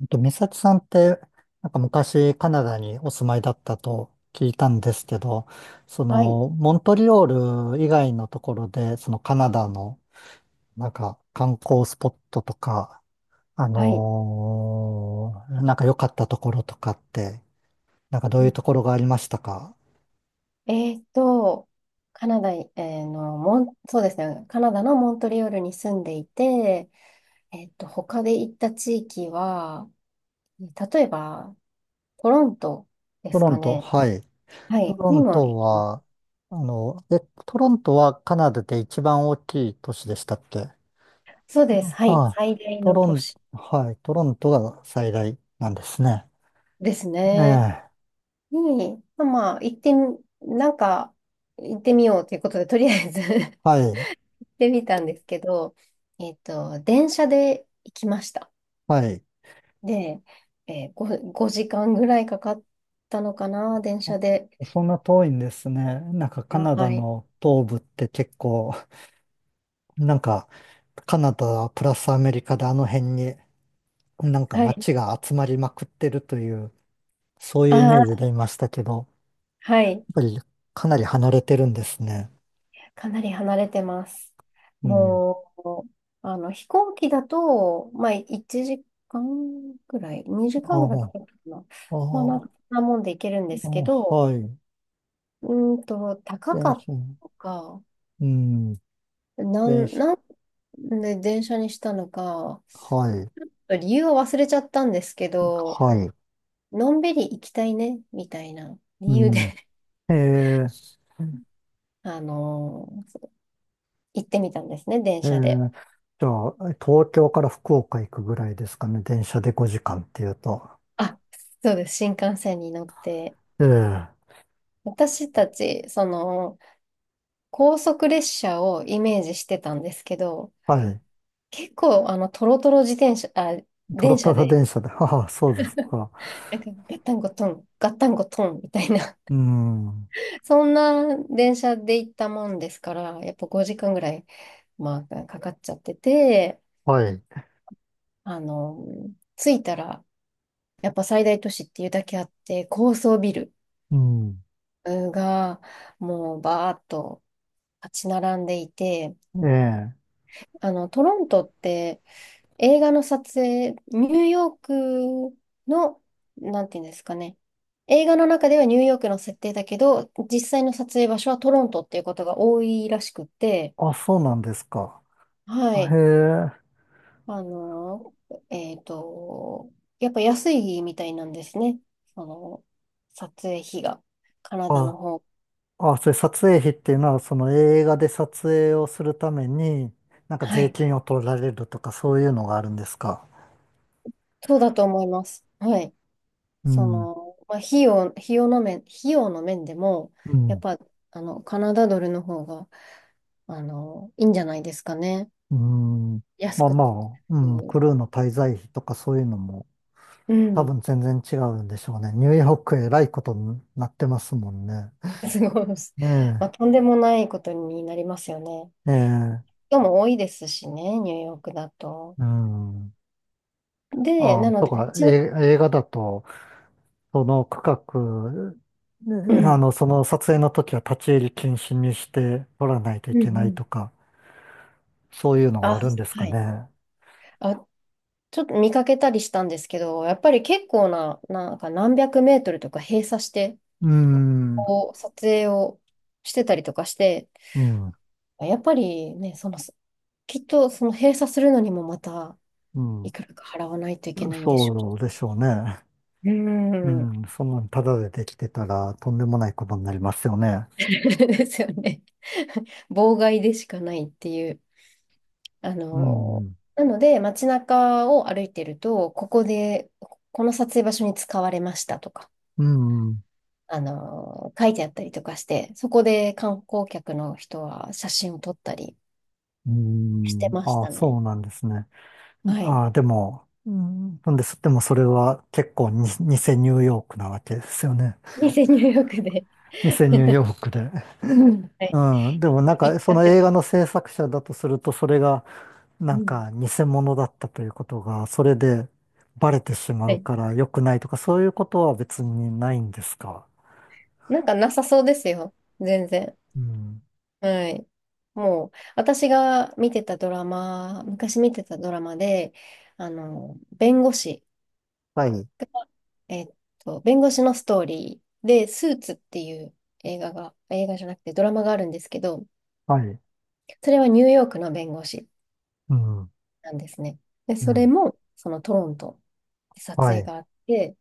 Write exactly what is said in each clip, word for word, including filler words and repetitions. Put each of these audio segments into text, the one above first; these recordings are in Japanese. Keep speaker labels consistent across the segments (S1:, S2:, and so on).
S1: えっと、美咲さんって、なんか昔カナダにお住まいだったと聞いたんですけど、そ
S2: はい、
S1: の、モントリオール以外のところで、そのカナダの、なんか観光スポットとか、あ
S2: はい。
S1: のーなんか良かったところとかって、なんかどう
S2: う
S1: いう
S2: ん。
S1: ところがありましたか？
S2: えーっと、カナダ、えーの、モン、そうですね、カナダのモントリオールに住んでいて、えーっと、他で行った地域は、例えば、トロントで
S1: ト
S2: す
S1: ロ
S2: か
S1: ント、
S2: ね。
S1: はい。
S2: は
S1: ト
S2: い、
S1: ロ
S2: に
S1: ン
S2: も
S1: ト
S2: 行きまし
S1: は、あの、え、トロントはカナダで一番大きい都市でしたっけ？
S2: た。そうです、はい、
S1: あ
S2: 最
S1: あ、
S2: 大
S1: ト
S2: の
S1: ロ
S2: 都
S1: ン、
S2: 市
S1: はい、トロントが最大なんですね。
S2: です
S1: え
S2: ね。
S1: え、
S2: に、まあ、まあ行ってみ、なんか、行ってみようということで、とりあえず 行
S1: はい、
S2: ってみたんですけど、えーっと、電車で行きました。
S1: はい。
S2: で、えー、5、ごじかんぐらいかかったのかな、電車で。
S1: そんな遠いんですね。なんかカ
S2: あ、
S1: ナダ
S2: はい。
S1: の東部って結構、なんかカナダプラスアメリカであの辺になんか
S2: はい。
S1: 街が集まりまくってるという、そう
S2: あ
S1: いうイメージ
S2: ー、
S1: でいましたけど、やっ
S2: はい。
S1: ぱりかなり離れてるんですね。
S2: かなり離れてます。
S1: うん。
S2: もう、あの、飛行機だと、まあ、いちじかんぐらい、2
S1: あ
S2: 時間
S1: あ、
S2: ぐらいかかるかな。
S1: あ
S2: まあ、なん
S1: あ、
S2: か、そんなもんで行けるんで
S1: あ
S2: すけ
S1: あ
S2: ど、
S1: はい。
S2: うーんと、高か
S1: 電
S2: っ
S1: 車、
S2: たのか、
S1: うん、
S2: な
S1: 電
S2: ん、
S1: 車、
S2: なんで電車にしたのか、
S1: はい、
S2: 理由は忘れちゃったんですけど、
S1: はい。
S2: のんびり行きたいね、みたいな理由で
S1: う ん。ええ、
S2: あのー行ってみたんですね、電
S1: え
S2: 車で。
S1: ー、じゃあ、東京から福岡行くぐらいですかね。電車でごじかんっていうと。
S2: あ、そうです、新幹線に乗って。
S1: ええ、
S2: 私たち、その、高速列車をイメージしてたんですけど、
S1: はい。
S2: 結構、あの、トロトロ自転車、あ、
S1: トロ
S2: 電
S1: ト
S2: 車
S1: ロ
S2: で、
S1: 電車で。はあ、そうですか。
S2: なんか、ガッタンゴトン、ガッタンゴトン、みたいな、
S1: うん。
S2: そんな電車で行ったもんですから、やっぱごじかんぐらい、まあ、かかっちゃってて、
S1: はい。
S2: あの、着いたら、やっぱ最大都市っていうだけあって、高層ビル
S1: うん。
S2: がもうバーッと立ち並んでいて、
S1: ええ、
S2: あの、トロントって映画の撮影、ニューヨークの、なんていうんですかね。映画の中ではニューヨークの設定だけど、実際の撮影場所はトロントっていうことが多いらしくて、
S1: あ、そうなんですか。
S2: は
S1: へ
S2: い。
S1: え。
S2: あの、えっと、やっぱ安いみたいなんですね。その、撮影費が、カナダの
S1: あ、
S2: 方。
S1: あ、それ撮影費っていうのは、その映画で撮影をするために、なんか
S2: は
S1: 税
S2: い。
S1: 金を取られるとか、そういうのがあるんですか。
S2: そうだと思います。はい。
S1: う
S2: そ
S1: ん。
S2: の、まあ、費用、費用の面、費用の面でも、
S1: う
S2: やっ
S1: ん。
S2: ぱ、あの、カナダドルの方が、あの、いいんじゃないですかね。
S1: うん。
S2: 安
S1: まあ
S2: くっ
S1: まあ、う
S2: てい
S1: ん、
S2: う。
S1: クルーの滞在費とかそういうのも
S2: う
S1: 多
S2: ん。
S1: 分全然違うんでしょうね。ニューヨークえらいことになってますもんね。
S2: すごい。ま
S1: ね、
S2: あ、とんでもないことになりますよね。
S1: え、ええ、
S2: 人も多いですしね、ニューヨークだと。
S1: うん。
S2: で、
S1: あ、
S2: なの
S1: と
S2: で、
S1: か、
S2: ちな、
S1: え、映画だと、その区画、
S2: う
S1: ね、あ
S2: ん。
S1: の、その撮影の時は立ち入り禁止にして撮らないとい
S2: うん
S1: けな
S2: う
S1: い
S2: ん。
S1: とか、そういうのが
S2: あ、
S1: あるんです
S2: は
S1: か
S2: い。
S1: ね。
S2: あ、ちょっと見かけたりしたんですけど、やっぱり結構な、なんか何百メートルとか閉鎖して、
S1: うん、
S2: こう撮影をしてたりとかして、
S1: うん、
S2: やっぱりね、その、きっとその閉鎖するのにもまた
S1: うん、
S2: いくらか払わないといけないんでしょ
S1: そうでしょうね。
S2: う。う
S1: う
S2: ーん。
S1: ん、そんなんタダでできてたらとんでもないことになりますよね。
S2: ですよね。妨害でしかないっていう。あ
S1: う
S2: のー
S1: ん、
S2: なので、街中を歩いてると、ここで、この撮影場所に使われましたとか、
S1: うん、
S2: あのー書いてあったりとかして、そこで観光客の人は写真を撮ったり
S1: う
S2: して
S1: ん、
S2: まし
S1: ああ、
S2: た
S1: そ
S2: ね。
S1: うなんですね。
S2: はい。
S1: ああ、でも、うん、なんです。でもそれは結構に、偽ニューヨークなわけですよね。
S2: 偽入浴で
S1: 偽ニュー ヨークで。うん、
S2: はい。
S1: うんでもなん
S2: 行
S1: か
S2: っちゃ
S1: そ
S2: っ
S1: の
S2: て
S1: 映
S2: て。
S1: 画の制作者だとすると、それがな
S2: う
S1: ん
S2: ん。
S1: か偽物だったということが、それでバレてしま
S2: は
S1: う
S2: い。
S1: から良くないとか、そういうことは別にないんですか？
S2: なんかなさそうですよ。全然。
S1: うん。
S2: はい。もう、私が見てたドラマ、昔見てたドラマで、あの、弁護士、
S1: はい。
S2: えっと、弁護士のストーリーで、スーツっていう映画が、映画じゃなくてドラマがあるんですけど、
S1: はい。
S2: それはニューヨークの弁護士
S1: うん、
S2: なんですね。で、
S1: う
S2: それ
S1: ん、
S2: も、そのトロントで撮
S1: は
S2: 影
S1: い、
S2: があって、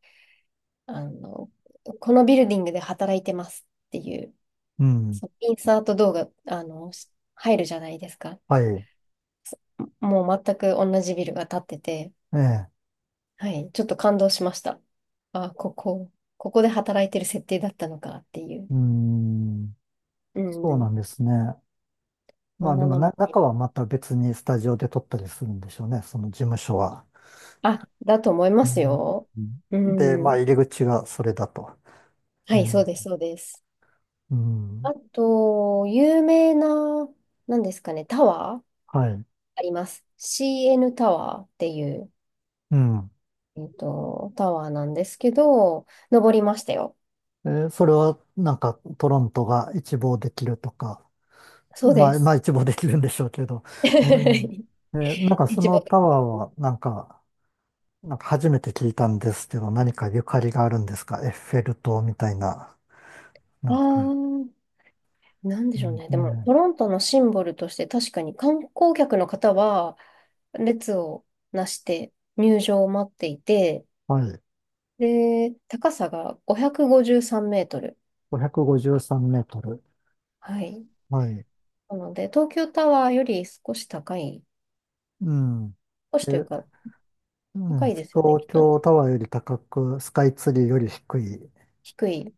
S2: あの、このビルディングで働いてますっていう
S1: うん、
S2: そう、インサート動画、あの、し入るじゃないですか。
S1: はい、
S2: もう全く同じビルが建ってて、
S1: ええ、
S2: はい、ちょっと感動しました。あ、ここ、ここで働いてる設定だったのかっていう。
S1: うん、
S2: う
S1: そう
S2: ん、
S1: なんですね。
S2: こ
S1: ま
S2: ん
S1: あで
S2: な
S1: も
S2: の
S1: な、
S2: もあり
S1: 中
S2: ま
S1: は
S2: す。
S1: また別にスタジオで撮ったりするんでしょうね、その事務所は。
S2: あ、だと思いま
S1: う
S2: す
S1: ん、
S2: よ。う
S1: で、まあ
S2: ん、
S1: 入り口がそれだと。
S2: はい、そうです、そうです。
S1: うん、うん、
S2: あと、有名な、なんですかね、タワー
S1: はい、
S2: あります。シーエヌ タワーっていう、
S1: うん。
S2: えっと、タワーなんですけど、登りましたよ。
S1: えー、それはなんかトロントが一望できるとか、
S2: そう
S1: ま
S2: で
S1: あ、ま
S2: す。
S1: あ一望できるんでしょうけど、えーえーなん かそ
S2: 一
S1: の
S2: 番。
S1: タワーはなんか、なんか初めて聞いたんですけど、何かゆかりがあるんですか？エッフェル塔みたいな。な
S2: あ
S1: ん
S2: あ、
S1: か、
S2: なんで
S1: う
S2: しょう
S1: ん、
S2: ね。でも、
S1: ね、
S2: トロントのシンボルとして確かに観光客の方は列をなして入場を待っていて、
S1: はい。
S2: で、高さがごひゃくごじゅうさんメートル。
S1: ごひゃくごじゅうさんメートル。
S2: はい。
S1: はい。
S2: なので、東京タワーより少し高い、
S1: うん。
S2: 少しという
S1: で、
S2: か
S1: う
S2: 高
S1: ん、
S2: いですよね、き
S1: 東
S2: っと。
S1: 京タワーより高く、スカイツリーより低いう
S2: 低い。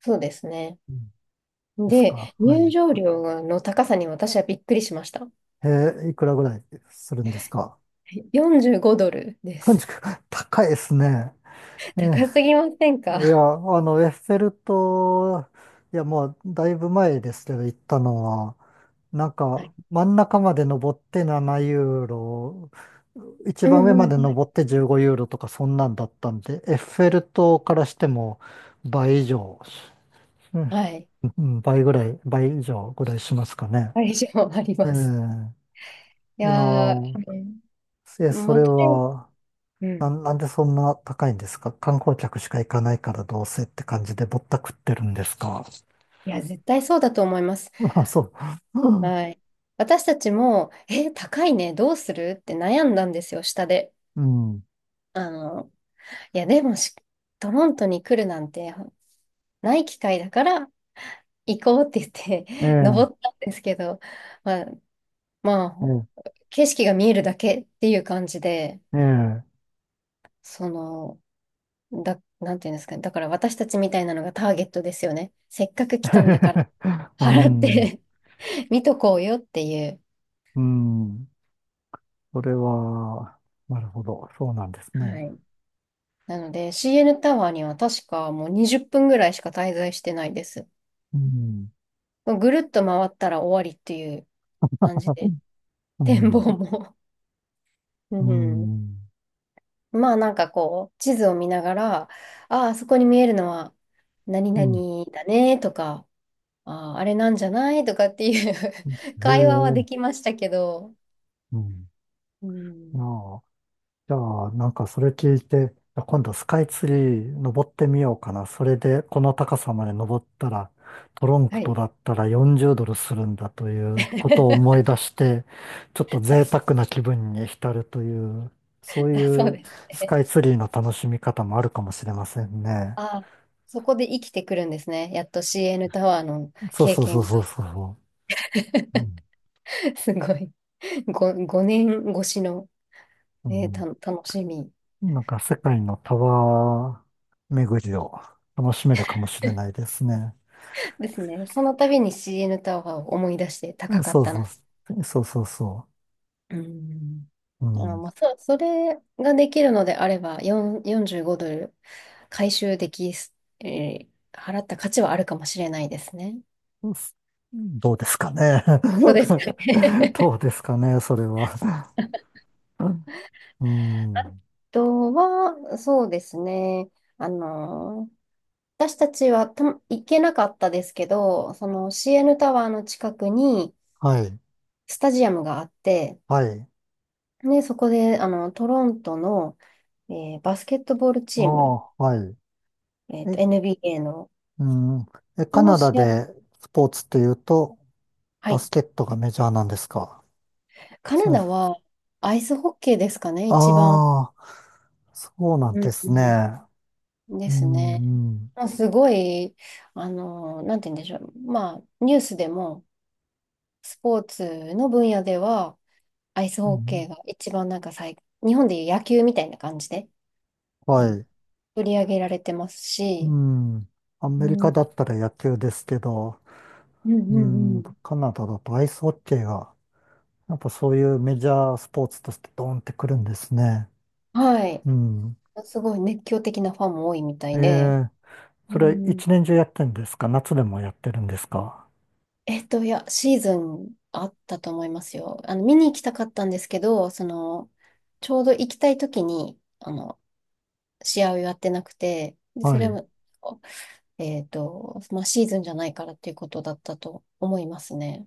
S2: そうですね。
S1: んですか？
S2: で、
S1: は
S2: 入
S1: い。
S2: 場料の高さに私はびっくりしました。
S1: えー、いくらぐらいするんですか？
S2: よんじゅうごドルです。
S1: さんじゅうきゅう、高いですね。え
S2: 高す
S1: ー、
S2: ぎません
S1: いや、
S2: か？
S1: あの、エッフェル塔、いや、もうだいぶ前ですけど、行ったのは、なん
S2: は
S1: か、
S2: い。
S1: 真ん中まで登ってななユーロユーロ、一
S2: う
S1: 番上ま
S2: ん、うん。
S1: で登ってじゅうごユーロユーロとか、そんなんだったんで、エッフェル塔からしても倍以上、うん
S2: はい。
S1: うん、倍ぐらい、倍以上ぐらいしますかね。
S2: 会場あり
S1: え
S2: ます。い
S1: え、いや
S2: やー、
S1: ー、え、
S2: うん、
S1: そ
S2: まあ、
S1: れ
S2: とりあえず
S1: は、
S2: う
S1: な
S2: ん。
S1: ん、なんでそんな高いんですか？観光客しか行かないからどうせって感じでぼったくってるんですか？
S2: いや、絶対そうだと思います。
S1: まあ、そう。
S2: はい。私たちも、え、高いね、どうするって悩んだんですよ、下で。
S1: うん。
S2: あの、いや、でもし、トロントに来るなんてない機会だから行こうって言っ
S1: え
S2: て
S1: え、
S2: 登ったんですけど、まあ、ま
S1: え
S2: あ、景色が見えるだけっていう感じで、
S1: え、ええ。
S2: その、だ、なんていうんですかね。だから私たちみたいなのがターゲットですよね。せっかく来たんだから
S1: う
S2: 払っ
S1: ん、
S2: て 見とこうよっていう。
S1: うん。それは、なるほど。そうなんです
S2: は
S1: ね。
S2: い。なので シーエヌ タワーには確かもうにじゅっぷんぐらいしか滞在してないです。
S1: うん、
S2: ぐるっと回ったら終わりっていう感じで、
S1: う
S2: 展望
S1: ん、
S2: も う
S1: う
S2: ん。
S1: ん、
S2: まあなんかこう、地図を見ながら、ああ、そこに見えるのは何
S1: うん。
S2: 々だねとか、ああ、あれなんじゃないとかっていう
S1: へ
S2: 会話はでき
S1: え、
S2: ましたけど、
S1: うん。
S2: うん、
S1: ああ。じゃあ、なんかそれ聞いて、いや今度スカイツリー登ってみようかな。それでこの高さまで登ったら、トロン
S2: は
S1: クと
S2: い。
S1: だったらよんじゅうドルドルするんだということを思 い出して、ちょっと
S2: は
S1: 贅
S2: い。
S1: 沢な気分に浸るという、そう
S2: あ、そう
S1: いう
S2: です
S1: ス
S2: ね。
S1: カイツリーの楽しみ方もあるかもしれません ね。
S2: あ、そこで生きてくるんですね。やっと シーエヌ タワーの
S1: そう
S2: 経
S1: そうそう
S2: 験が。
S1: そうそう。う ん、
S2: すごい。ごご、年越しの、
S1: う
S2: ね、
S1: ん、
S2: た、楽しみ
S1: なんか世界のタワー巡りを楽しめるかもしれないですね。
S2: ですね。その度に シーエヌ タワーを思い出して
S1: う
S2: 高
S1: ん、
S2: かっ
S1: そう
S2: た
S1: そ
S2: な。
S1: う、そうそうそう。
S2: うん。
S1: う
S2: あ、
S1: ん。
S2: まあ、そ、それができるのであれば、4、よんじゅうごドル回収できす、えー払った価値はあるかもしれないですね。
S1: どうですかね。
S2: どうですか ね。
S1: どうですかね、それは。うん。
S2: とは、そうですね。あの、私たちはた行けなかったですけど、その シーエヌ タワーの近くに
S1: はい。
S2: スタジアムがあって、
S1: はい。
S2: で、そこで、あの、トロントの、えーバスケットボール
S1: あ
S2: チーム、
S1: あ、はい。
S2: えっと、
S1: え、
S2: エヌビーエー の、
S1: うん。え、カ
S2: の
S1: ナ
S2: 試
S1: ダ
S2: 合、
S1: でスポーツっていうと、
S2: は
S1: バ
S2: い。
S1: スケットがメジャーなんですか。
S2: カナ
S1: そう、
S2: ダはアイスホッケーですかね、一番。
S1: ああ、そうなん
S2: う
S1: で
S2: ん
S1: す
S2: う
S1: ね。
S2: んで
S1: う
S2: す
S1: ん、
S2: ね。
S1: うん。
S2: まあ、すごい、あの、なんて言うんでしょう。まあ、ニュースでも、スポーツの分野では、アイス
S1: う
S2: ホッケ
S1: ん、
S2: ーが一番なんか最、日本でいう野球みたいな感じで、あ
S1: は
S2: の、
S1: い。
S2: 取り上げられてます
S1: う
S2: し、
S1: ん。ア
S2: う
S1: メリ
S2: ん、う
S1: カだ
S2: ん
S1: ったら野球ですけど、
S2: うん
S1: う
S2: う
S1: ん、
S2: ん。
S1: カナダだとアイスホッケーがやっぱそういうメジャースポーツとしてドーンってくるんですね。
S2: はい。
S1: うん。
S2: すごい熱狂的なファンも多いみた
S1: え
S2: いで、
S1: え、
S2: う
S1: それ
S2: ん、
S1: 一年中やってるんですか？夏でもやってるんですか？
S2: えっと、いや、シーズンあったと思いますよ。あの、見に行きたかったんですけど、その、ちょうど行きたい時に、あの、試合をやってなくて、で、
S1: は
S2: それ
S1: い。
S2: も、えっと、まあ、シーズンじゃないからっていうことだったと思いますね。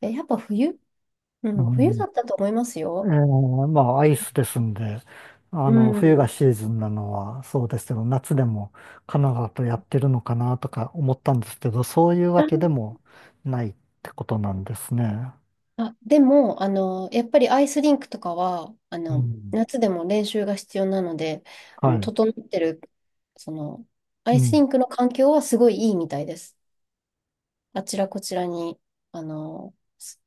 S2: え、やっぱ冬う
S1: う
S2: ん、冬
S1: ん、
S2: だったと思います
S1: ええ、
S2: よ。
S1: まあアイスですんで、あ
S2: う
S1: の、冬が
S2: ん。
S1: シーズンなのはそうですけど、夏でもカナダとやってるのかなとか思ったんですけど、そういうわけで
S2: あ
S1: もないってことなんですね。
S2: あ、でも、あの、やっぱりアイスリンクとかは、あ
S1: う
S2: の、
S1: ん。
S2: 夏でも練習が必要なので、あ
S1: は
S2: の、
S1: い。
S2: 整ってる、その、ア
S1: う
S2: イスリ
S1: ん。
S2: ンクの環境はすごいいいみたいです。あちらこちらに、あの、す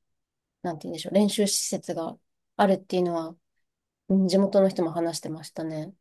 S2: なんて言うんでしょう、練習施設があるっていうのは、うん、地元の人も話してましたね。